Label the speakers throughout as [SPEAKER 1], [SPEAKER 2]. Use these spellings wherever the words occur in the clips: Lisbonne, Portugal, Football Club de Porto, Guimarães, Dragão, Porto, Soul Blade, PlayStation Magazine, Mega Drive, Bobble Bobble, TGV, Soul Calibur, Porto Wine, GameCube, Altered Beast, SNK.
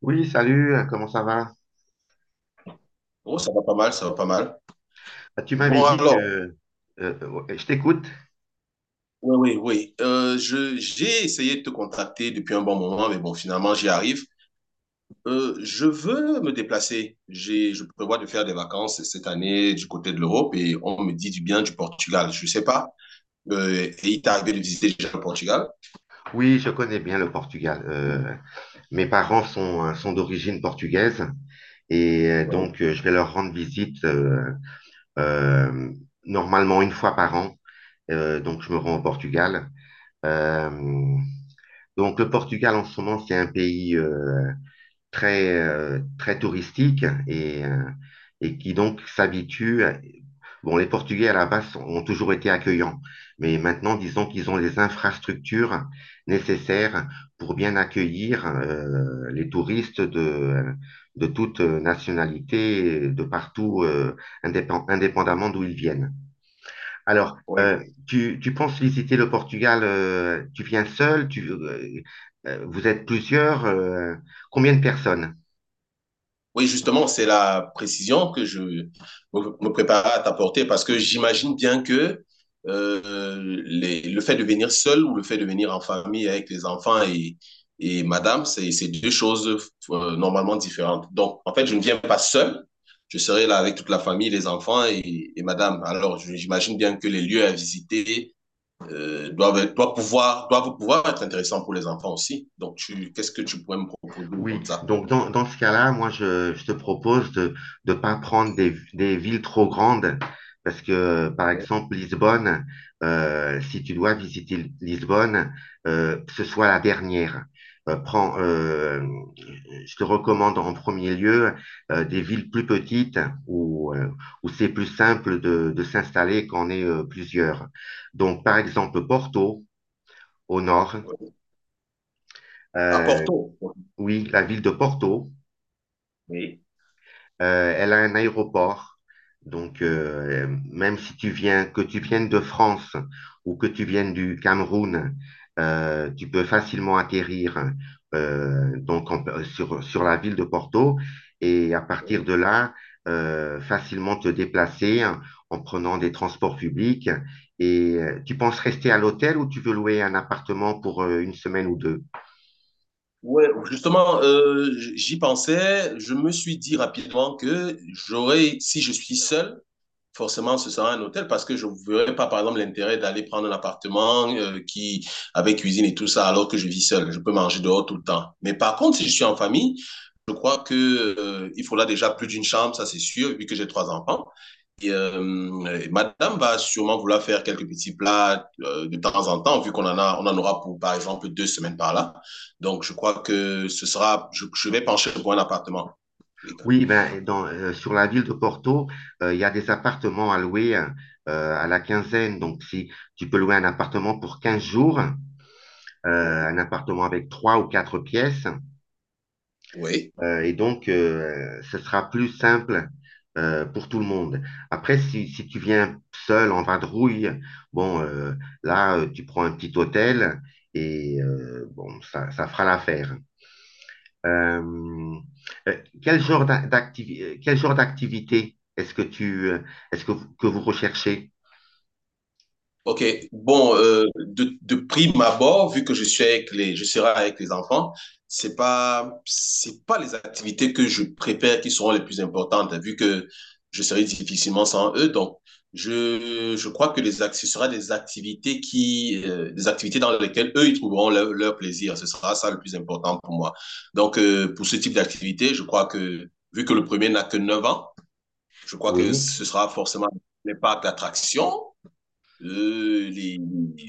[SPEAKER 1] Oui, salut, comment ça va?
[SPEAKER 2] Oh, ça va pas mal, ça va pas mal.
[SPEAKER 1] Tu m'avais
[SPEAKER 2] Bon,
[SPEAKER 1] dit que...
[SPEAKER 2] alors,
[SPEAKER 1] euh, euh, je t'écoute.
[SPEAKER 2] oui, oui, oui. J'ai essayé de te contacter depuis un bon moment, mais bon, finalement, j'y arrive. Je veux me déplacer. Je prévois de faire des vacances cette année du côté de l'Europe et on me dit du bien du Portugal. Je sais pas. Et il t'est arrivé de visiter déjà le Portugal?
[SPEAKER 1] Oui, je connais bien le Portugal. Mes parents sont d'origine portugaise et donc je vais leur rendre visite euh, normalement une fois par an. Donc je me rends au Portugal. Euh, donc le Portugal en ce moment, c'est un pays très touristique et et qui donc Bon, les Portugais à la base ont toujours été accueillants, mais maintenant, disons qu'ils ont les infrastructures nécessaires pour bien accueillir les touristes de toute nationalité, de partout, indépendamment d'où ils viennent. Alors,
[SPEAKER 2] Oui.
[SPEAKER 1] euh, tu, tu penses visiter le Portugal, tu viens seul, vous êtes plusieurs, combien de personnes?
[SPEAKER 2] Oui, justement, c'est la précision que je me prépare à t'apporter parce que j'imagine bien que le fait de venir seul ou le fait de venir en famille avec les enfants et madame, c'est deux choses normalement différentes. Donc, en fait, je ne viens pas seul. Je serai là avec toute la famille, les enfants et madame. Alors, j'imagine bien que les lieux à visiter doivent pouvoir être intéressants pour les enfants aussi. Donc, qu'est-ce que tu pourrais me proposer
[SPEAKER 1] Oui,
[SPEAKER 2] comme ça
[SPEAKER 1] donc dans ce cas-là, moi, je te propose de ne pas prendre des villes trop grandes parce que, par exemple, Lisbonne, si tu dois visiter Lisbonne, que ce soit la dernière. Euh, prends, euh, je te recommande en premier lieu des villes plus petites où, euh, où c'est plus simple de s'installer quand on est plusieurs. Donc, par exemple, Porto, au nord.
[SPEAKER 2] à
[SPEAKER 1] euh,
[SPEAKER 2] Porto?
[SPEAKER 1] oui, la ville de Porto.
[SPEAKER 2] Oui.
[SPEAKER 1] Elle a un aéroport. Donc, même si tu viens, que tu viennes de France ou que tu viennes du Cameroun, tu peux facilement atterrir sur la ville de Porto et à partir de là, facilement te déplacer en prenant des transports publics. Et tu penses rester à l'hôtel ou tu veux louer un appartement pour une semaine ou deux?
[SPEAKER 2] Ouais, justement, j'y pensais. Je me suis dit rapidement que j'aurais, si je suis seul, forcément, ce sera un hôtel parce que je ne verrais pas, par exemple, l'intérêt d'aller prendre un appartement avec cuisine et tout ça, alors que je vis seul. Je peux manger dehors tout le temps. Mais par contre, si je suis en famille, je crois que, il faudra déjà plus d'une chambre, ça c'est sûr, vu que j'ai trois enfants. Et madame va sûrement vouloir faire quelques petits plats de temps en temps, vu qu'on en aura pour, par exemple, 2 semaines par là. Donc, je crois que je vais pencher pour un appartement. Oui.
[SPEAKER 1] Oui, ben, sur la ville de Porto, il y a des appartements à louer hein, à la quinzaine. Donc, si tu peux louer un appartement pour 15 jours, un appartement avec trois ou quatre pièces,
[SPEAKER 2] Oui.
[SPEAKER 1] ce sera plus simple pour tout le monde. Après, si tu viens seul en vadrouille, bon, tu prends un petit hôtel et ça fera l'affaire. Euh, euh, quel genre d'a- Quel genre d'activité est-ce que est-ce que que vous recherchez?
[SPEAKER 2] Ok, bon, de prime abord, vu que je serai avec les enfants, c'est pas les activités que je prépare qui seront les plus importantes, hein, vu que je serai difficilement sans eux. Donc, je crois que ce sera des activités des activités dans lesquelles eux, ils trouveront leur plaisir. Ce sera ça le plus important pour moi. Donc, pour ce type d'activité, je crois que, vu que le premier n'a que 9 ans, je crois que
[SPEAKER 1] Oui.
[SPEAKER 2] ce sera forcément les parcs d'attractions euh, les-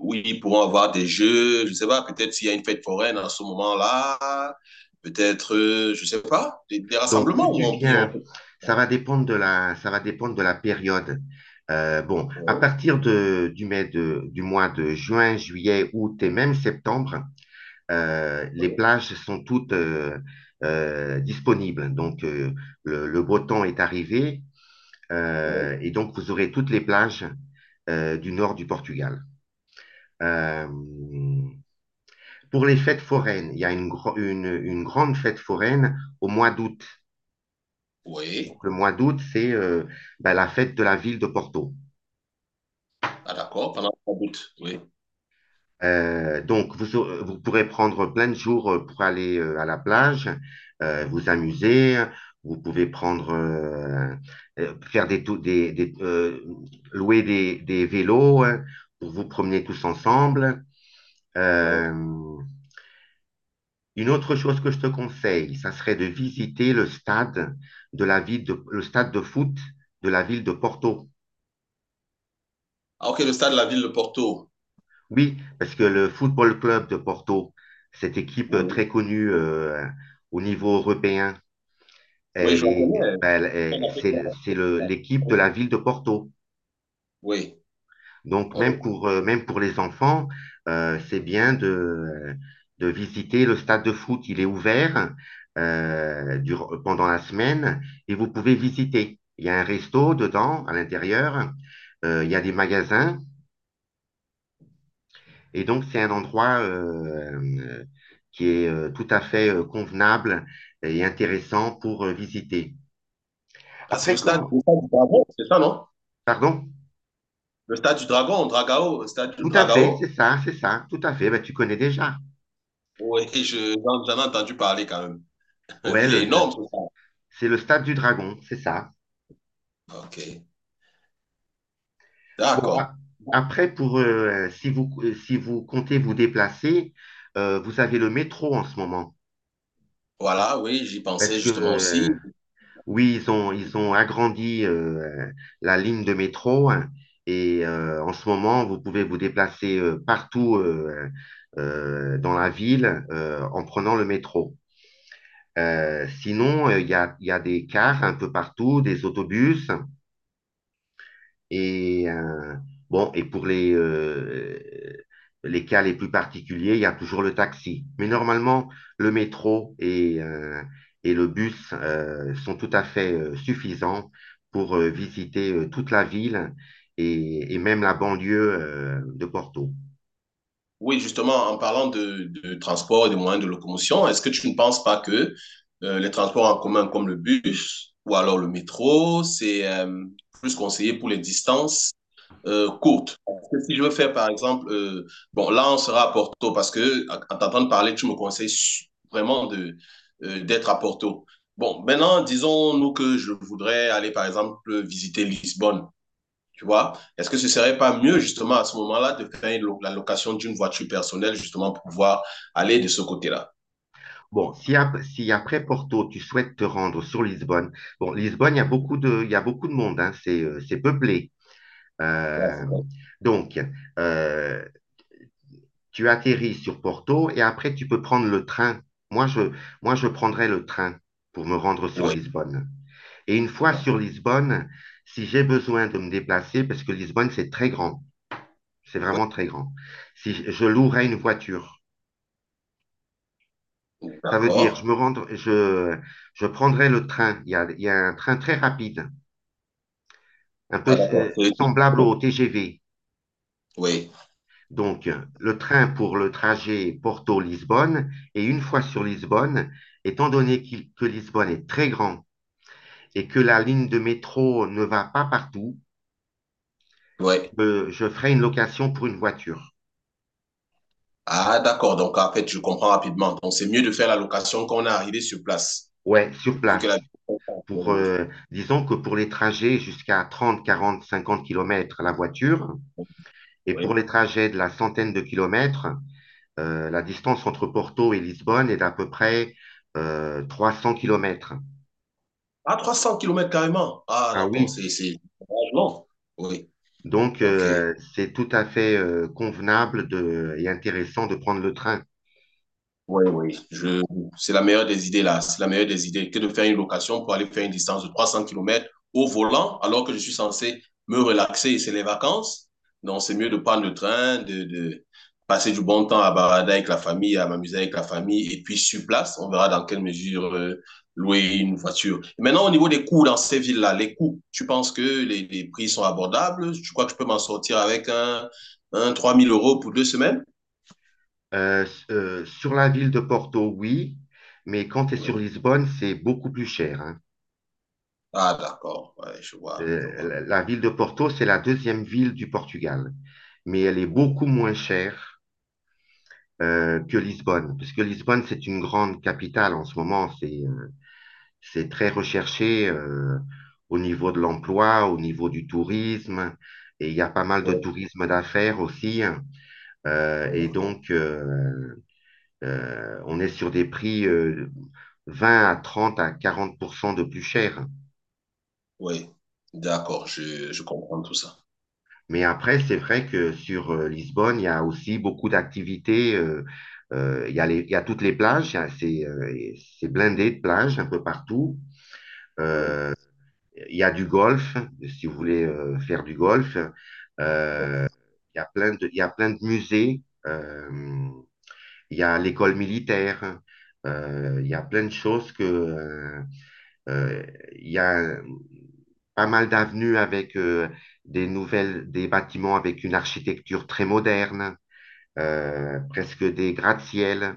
[SPEAKER 2] oui, ils pourront avoir des jeux, je ne sais pas, peut-être s'il y a une fête foraine en ce moment-là, peut-être, je ne sais pas, des
[SPEAKER 1] Donc, si
[SPEAKER 2] rassemblements
[SPEAKER 1] tu
[SPEAKER 2] où on, puis on.
[SPEAKER 1] viens, ça va dépendre ça va dépendre de la période. Bon, à
[SPEAKER 2] Oui,
[SPEAKER 1] partir de, du mai de, du mois de juin, juillet, août et même septembre, les
[SPEAKER 2] oui,
[SPEAKER 1] plages sont toutes disponibles. Donc, le beau temps est arrivé
[SPEAKER 2] oui.
[SPEAKER 1] et donc vous aurez toutes les plages du nord du Portugal. Euh, pour les fêtes foraines, il y a une grande fête foraine au mois d'août.
[SPEAKER 2] Oui.
[SPEAKER 1] Donc, le mois d'août, c'est, ben, la fête de la ville de Porto.
[SPEAKER 2] Ah, d'accord, pendant la route, oui.
[SPEAKER 1] Donc, vous pourrez prendre plein de jours pour aller à la plage, vous amuser. Vous pouvez prendre, faire des, tou- des, louer des vélos hein, pour vous promener tous ensemble. Euh,
[SPEAKER 2] Oui.
[SPEAKER 1] Une autre chose que je te conseille, ça serait de visiter le stade de la ville de, le stade de foot de la ville de Porto.
[SPEAKER 2] Ah, ok, le stade de la ville de Porto.
[SPEAKER 1] Oui, parce que le Football Club de Porto, cette équipe
[SPEAKER 2] Oui,
[SPEAKER 1] très connue au niveau européen,
[SPEAKER 2] oui, je
[SPEAKER 1] elle
[SPEAKER 2] la
[SPEAKER 1] est,
[SPEAKER 2] connais.
[SPEAKER 1] ben, elle est- c'est l'équipe de la ville de Porto.
[SPEAKER 2] Oui,
[SPEAKER 1] Donc,
[SPEAKER 2] on le-.
[SPEAKER 1] même même pour les enfants, c'est bien de visiter le stade de foot. Il est ouvert pendant la semaine et vous pouvez visiter. Il y a un resto dedans, à l'intérieur. Il y a des magasins. Et donc, c'est un endroit euh, qui est tout à fait convenable et intéressant pour visiter.
[SPEAKER 2] Ah, c'est
[SPEAKER 1] Après, comment?
[SPEAKER 2] le stade du Dragon, c'est ça, non?
[SPEAKER 1] Pardon?
[SPEAKER 2] Le stade du Dragon, Dragao, le stade du
[SPEAKER 1] Tout à fait,
[SPEAKER 2] Dragao.
[SPEAKER 1] c'est ça, tout à fait. Ben, tu connais déjà.
[SPEAKER 2] Oui, j'en ai entendu parler quand même.
[SPEAKER 1] Ouais,
[SPEAKER 2] Il est énorme, ce stade.
[SPEAKER 1] c'est le stade du Dragon, c'est ça.
[SPEAKER 2] Ok,
[SPEAKER 1] Bon,
[SPEAKER 2] d'accord.
[SPEAKER 1] a- Si vous, si vous comptez vous déplacer, vous avez le métro en ce moment.
[SPEAKER 2] Voilà, oui, j'y
[SPEAKER 1] Parce
[SPEAKER 2] pensais
[SPEAKER 1] que,
[SPEAKER 2] justement aussi.
[SPEAKER 1] oui, ils ont agrandi la ligne de métro, hein, et en ce moment, vous pouvez vous déplacer partout dans la ville en prenant le métro. Sinon, il y a des cars un peu partout, des autobus. Et et pour les cas les plus particuliers, il y a toujours le taxi. Mais normalement, le métro et et le bus sont tout à fait suffisants pour visiter toute la ville et même la banlieue de Porto.
[SPEAKER 2] Oui, justement, en parlant de transport et de moyens de locomotion, est-ce que tu ne penses pas que les transports en commun comme le bus ou alors le métro, c'est plus conseillé pour les distances courtes? Parce que si je veux faire, par exemple, bon, là, on sera à Porto parce que, en t'entendant parler, tu me conseilles vraiment d'être à Porto. Bon, maintenant, disons-nous que je voudrais aller, par exemple, visiter Lisbonne. Tu vois? Est-ce que ce serait pas mieux, justement, à ce moment-là, de faire une la location d'une voiture personnelle, justement, pour pouvoir aller de ce côté-là?
[SPEAKER 1] Bon, si après Porto, tu souhaites te rendre sur Lisbonne, bon, Lisbonne, il y a beaucoup de, il y a beaucoup de monde, hein, c'est peuplé.
[SPEAKER 2] Ouais,
[SPEAKER 1] Euh,
[SPEAKER 2] c'est bon.
[SPEAKER 1] donc, euh, tu atterris sur Porto et après tu peux prendre le train. Moi, je, Moi, je prendrai le train pour me rendre sur
[SPEAKER 2] Oui,
[SPEAKER 1] Lisbonne. Et une fois sur
[SPEAKER 2] d'accord.
[SPEAKER 1] Lisbonne, si j'ai besoin de me déplacer, parce que Lisbonne, c'est très grand, c'est
[SPEAKER 2] Oui,
[SPEAKER 1] vraiment très grand, si je je louerai une voiture, ça veut dire
[SPEAKER 2] d'accord.
[SPEAKER 1] je me rendre, je prendrai le train. Il y a un train très rapide, un peu
[SPEAKER 2] Ah, d'accord. C'est-.
[SPEAKER 1] semblable au TGV.
[SPEAKER 2] Oui,
[SPEAKER 1] Donc, le train pour le trajet Porto-Lisbonne, et une fois sur Lisbonne, étant donné que Lisbonne est très grand et que la ligne de métro ne va pas partout,
[SPEAKER 2] oui.
[SPEAKER 1] je ferai une location pour une voiture.
[SPEAKER 2] Ah, d'accord. Donc, en fait, je comprends rapidement. Donc, c'est mieux de faire la location quand on est arrivé sur place,
[SPEAKER 1] Ouais, sur
[SPEAKER 2] vu que la...
[SPEAKER 1] place.
[SPEAKER 2] Oui,
[SPEAKER 1] Disons que pour les trajets jusqu'à 30, 40, 50 kilomètres, la voiture, et pour les
[SPEAKER 2] oui.
[SPEAKER 1] trajets de la centaine de kilomètres, la distance entre Porto et Lisbonne est d'à peu près 300 kilomètres.
[SPEAKER 2] Ah, 300 km carrément. Ah,
[SPEAKER 1] Ah
[SPEAKER 2] d'accord.
[SPEAKER 1] oui.
[SPEAKER 2] C'est largement. Oui.
[SPEAKER 1] Donc,
[SPEAKER 2] Ok.
[SPEAKER 1] euh, c'est tout à fait convenable et intéressant de prendre le train.
[SPEAKER 2] Oui, oui. Je... C'est la meilleure des idées, là. C'est la meilleure des idées que de faire une location pour aller faire une distance de 300 kilomètres au volant, alors que je suis censé me relaxer et c'est les vacances. Donc, c'est mieux de prendre le train, de passer du bon temps à barader avec la famille, à m'amuser avec la famille. Et puis, sur place, on verra dans quelle mesure louer une voiture. Et maintenant, au niveau des coûts dans ces villes-là, les coûts, tu penses que les prix sont abordables? Tu crois que je peux m'en sortir avec un 3 000 euros pour 2 semaines?
[SPEAKER 1] Sur la ville de Porto, oui, mais quand tu es sur Lisbonne, c'est beaucoup plus cher, hein.
[SPEAKER 2] Ah, d'accord, ouais, je vois, je vois.
[SPEAKER 1] La ville de Porto, c'est la deuxième ville du Portugal, mais elle est
[SPEAKER 2] Oui,
[SPEAKER 1] beaucoup moins chère que Lisbonne, parce que Lisbonne, c'est une grande capitale en ce moment, c'est très recherché au niveau de l'emploi, au niveau du tourisme, et il y a pas mal de
[SPEAKER 2] oui,
[SPEAKER 1] tourisme d'affaires aussi, hein. Euh, et
[SPEAKER 2] oui,
[SPEAKER 1] donc, euh, euh, on est sur des prix 20 à 30 à 40 de plus cher.
[SPEAKER 2] oui. D'accord, je comprends tout ça.
[SPEAKER 1] Mais après, c'est vrai que sur Lisbonne, il y a aussi beaucoup d'activités. Il y a il y a toutes les plages, il y a- c'est blindé de plages un peu partout. Euh,
[SPEAKER 2] Oui.
[SPEAKER 1] il y a du golf, si vous voulez faire du golf. Euh, il y a plein de, il y a plein de musées. Il y a l'école militaire. Il y a plein de choses que, Euh, Il y a pas mal d'avenues avec des bâtiments avec une architecture très moderne, presque des gratte-ciel.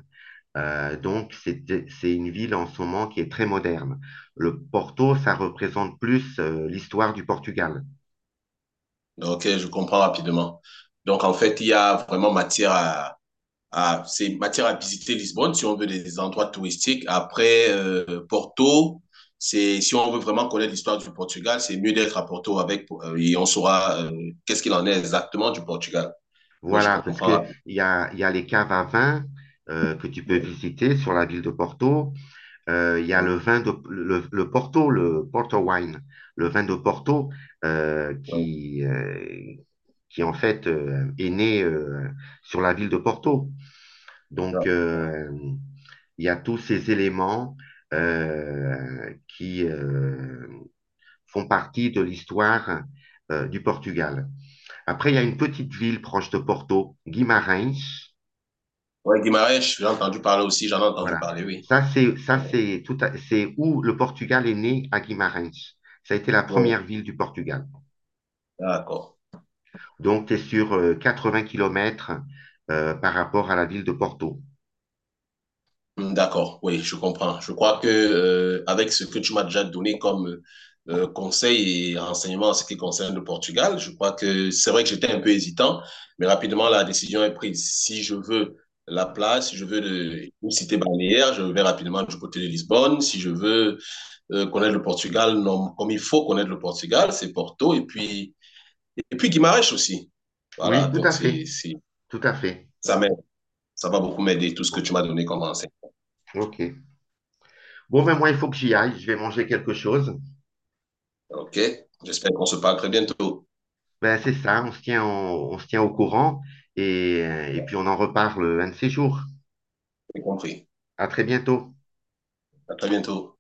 [SPEAKER 1] Donc, c'est une ville en ce moment qui est très moderne. Le Porto, ça représente plus l'histoire du Portugal.
[SPEAKER 2] Ok, je comprends rapidement. Donc, en fait, il y a vraiment matière c'est matière à visiter Lisbonne si on veut des endroits touristiques. Après, Porto, si on veut vraiment connaître l'histoire du Portugal, c'est mieux d'être à Porto et on saura qu'est-ce qu'il en est exactement du Portugal. Oui, je
[SPEAKER 1] Voilà, parce
[SPEAKER 2] comprends
[SPEAKER 1] que
[SPEAKER 2] rapidement.
[SPEAKER 1] il y a les caves à vin que tu peux
[SPEAKER 2] Oui,
[SPEAKER 1] visiter sur la ville de Porto. Il y a
[SPEAKER 2] oui,
[SPEAKER 1] le vin de le Porto Wine, le vin de Porto euh,
[SPEAKER 2] oui.
[SPEAKER 1] qui, euh, qui en fait est né sur la ville de Porto. Donc il y a tous ces éléments qui font partie de l'histoire du Portugal. Après, il y a une petite ville proche de Porto, Guimarães.
[SPEAKER 2] Ouais, Guimarães, j'ai entendu parler aussi, j'en ai entendu
[SPEAKER 1] Voilà.
[SPEAKER 2] parler, oui.
[SPEAKER 1] Ça, c'est c'est où le Portugal est né, à Guimarães. Ça a été la
[SPEAKER 2] Ouais.
[SPEAKER 1] première ville du Portugal.
[SPEAKER 2] D'accord.
[SPEAKER 1] Donc, tu es sur 80 kilomètres par rapport à la ville de Porto.
[SPEAKER 2] Hmm, d'accord, oui, je comprends. Je crois que avec ce que tu m'as déjà donné comme conseil et renseignement en ce qui concerne le Portugal, je crois que c'est vrai que j'étais un peu hésitant, mais rapidement la décision est prise. Si je veux la place, si je veux une cité balnéaire, je vais rapidement du côté de Lisbonne. Si je veux connaître le Portugal, non, comme il faut connaître le Portugal, c'est Porto et puis Guimarães aussi. Voilà,
[SPEAKER 1] Oui, tout
[SPEAKER 2] donc
[SPEAKER 1] à fait.
[SPEAKER 2] c'est
[SPEAKER 1] Tout à fait.
[SPEAKER 2] ça m'aide, ça va beaucoup m'aider tout ce que tu
[SPEAKER 1] Bon,
[SPEAKER 2] m'as donné comme renseignement.
[SPEAKER 1] OK. Bon, ben moi,
[SPEAKER 2] Beaucoup.
[SPEAKER 1] il faut que j'y aille. Je vais manger quelque chose.
[SPEAKER 2] OK? J'espère qu'on se parle très bientôt.
[SPEAKER 1] Ben, c'est ça. On se tient au courant et et puis on en reparle un de ces jours.
[SPEAKER 2] J'ai compris.
[SPEAKER 1] À très bientôt.
[SPEAKER 2] À très bientôt.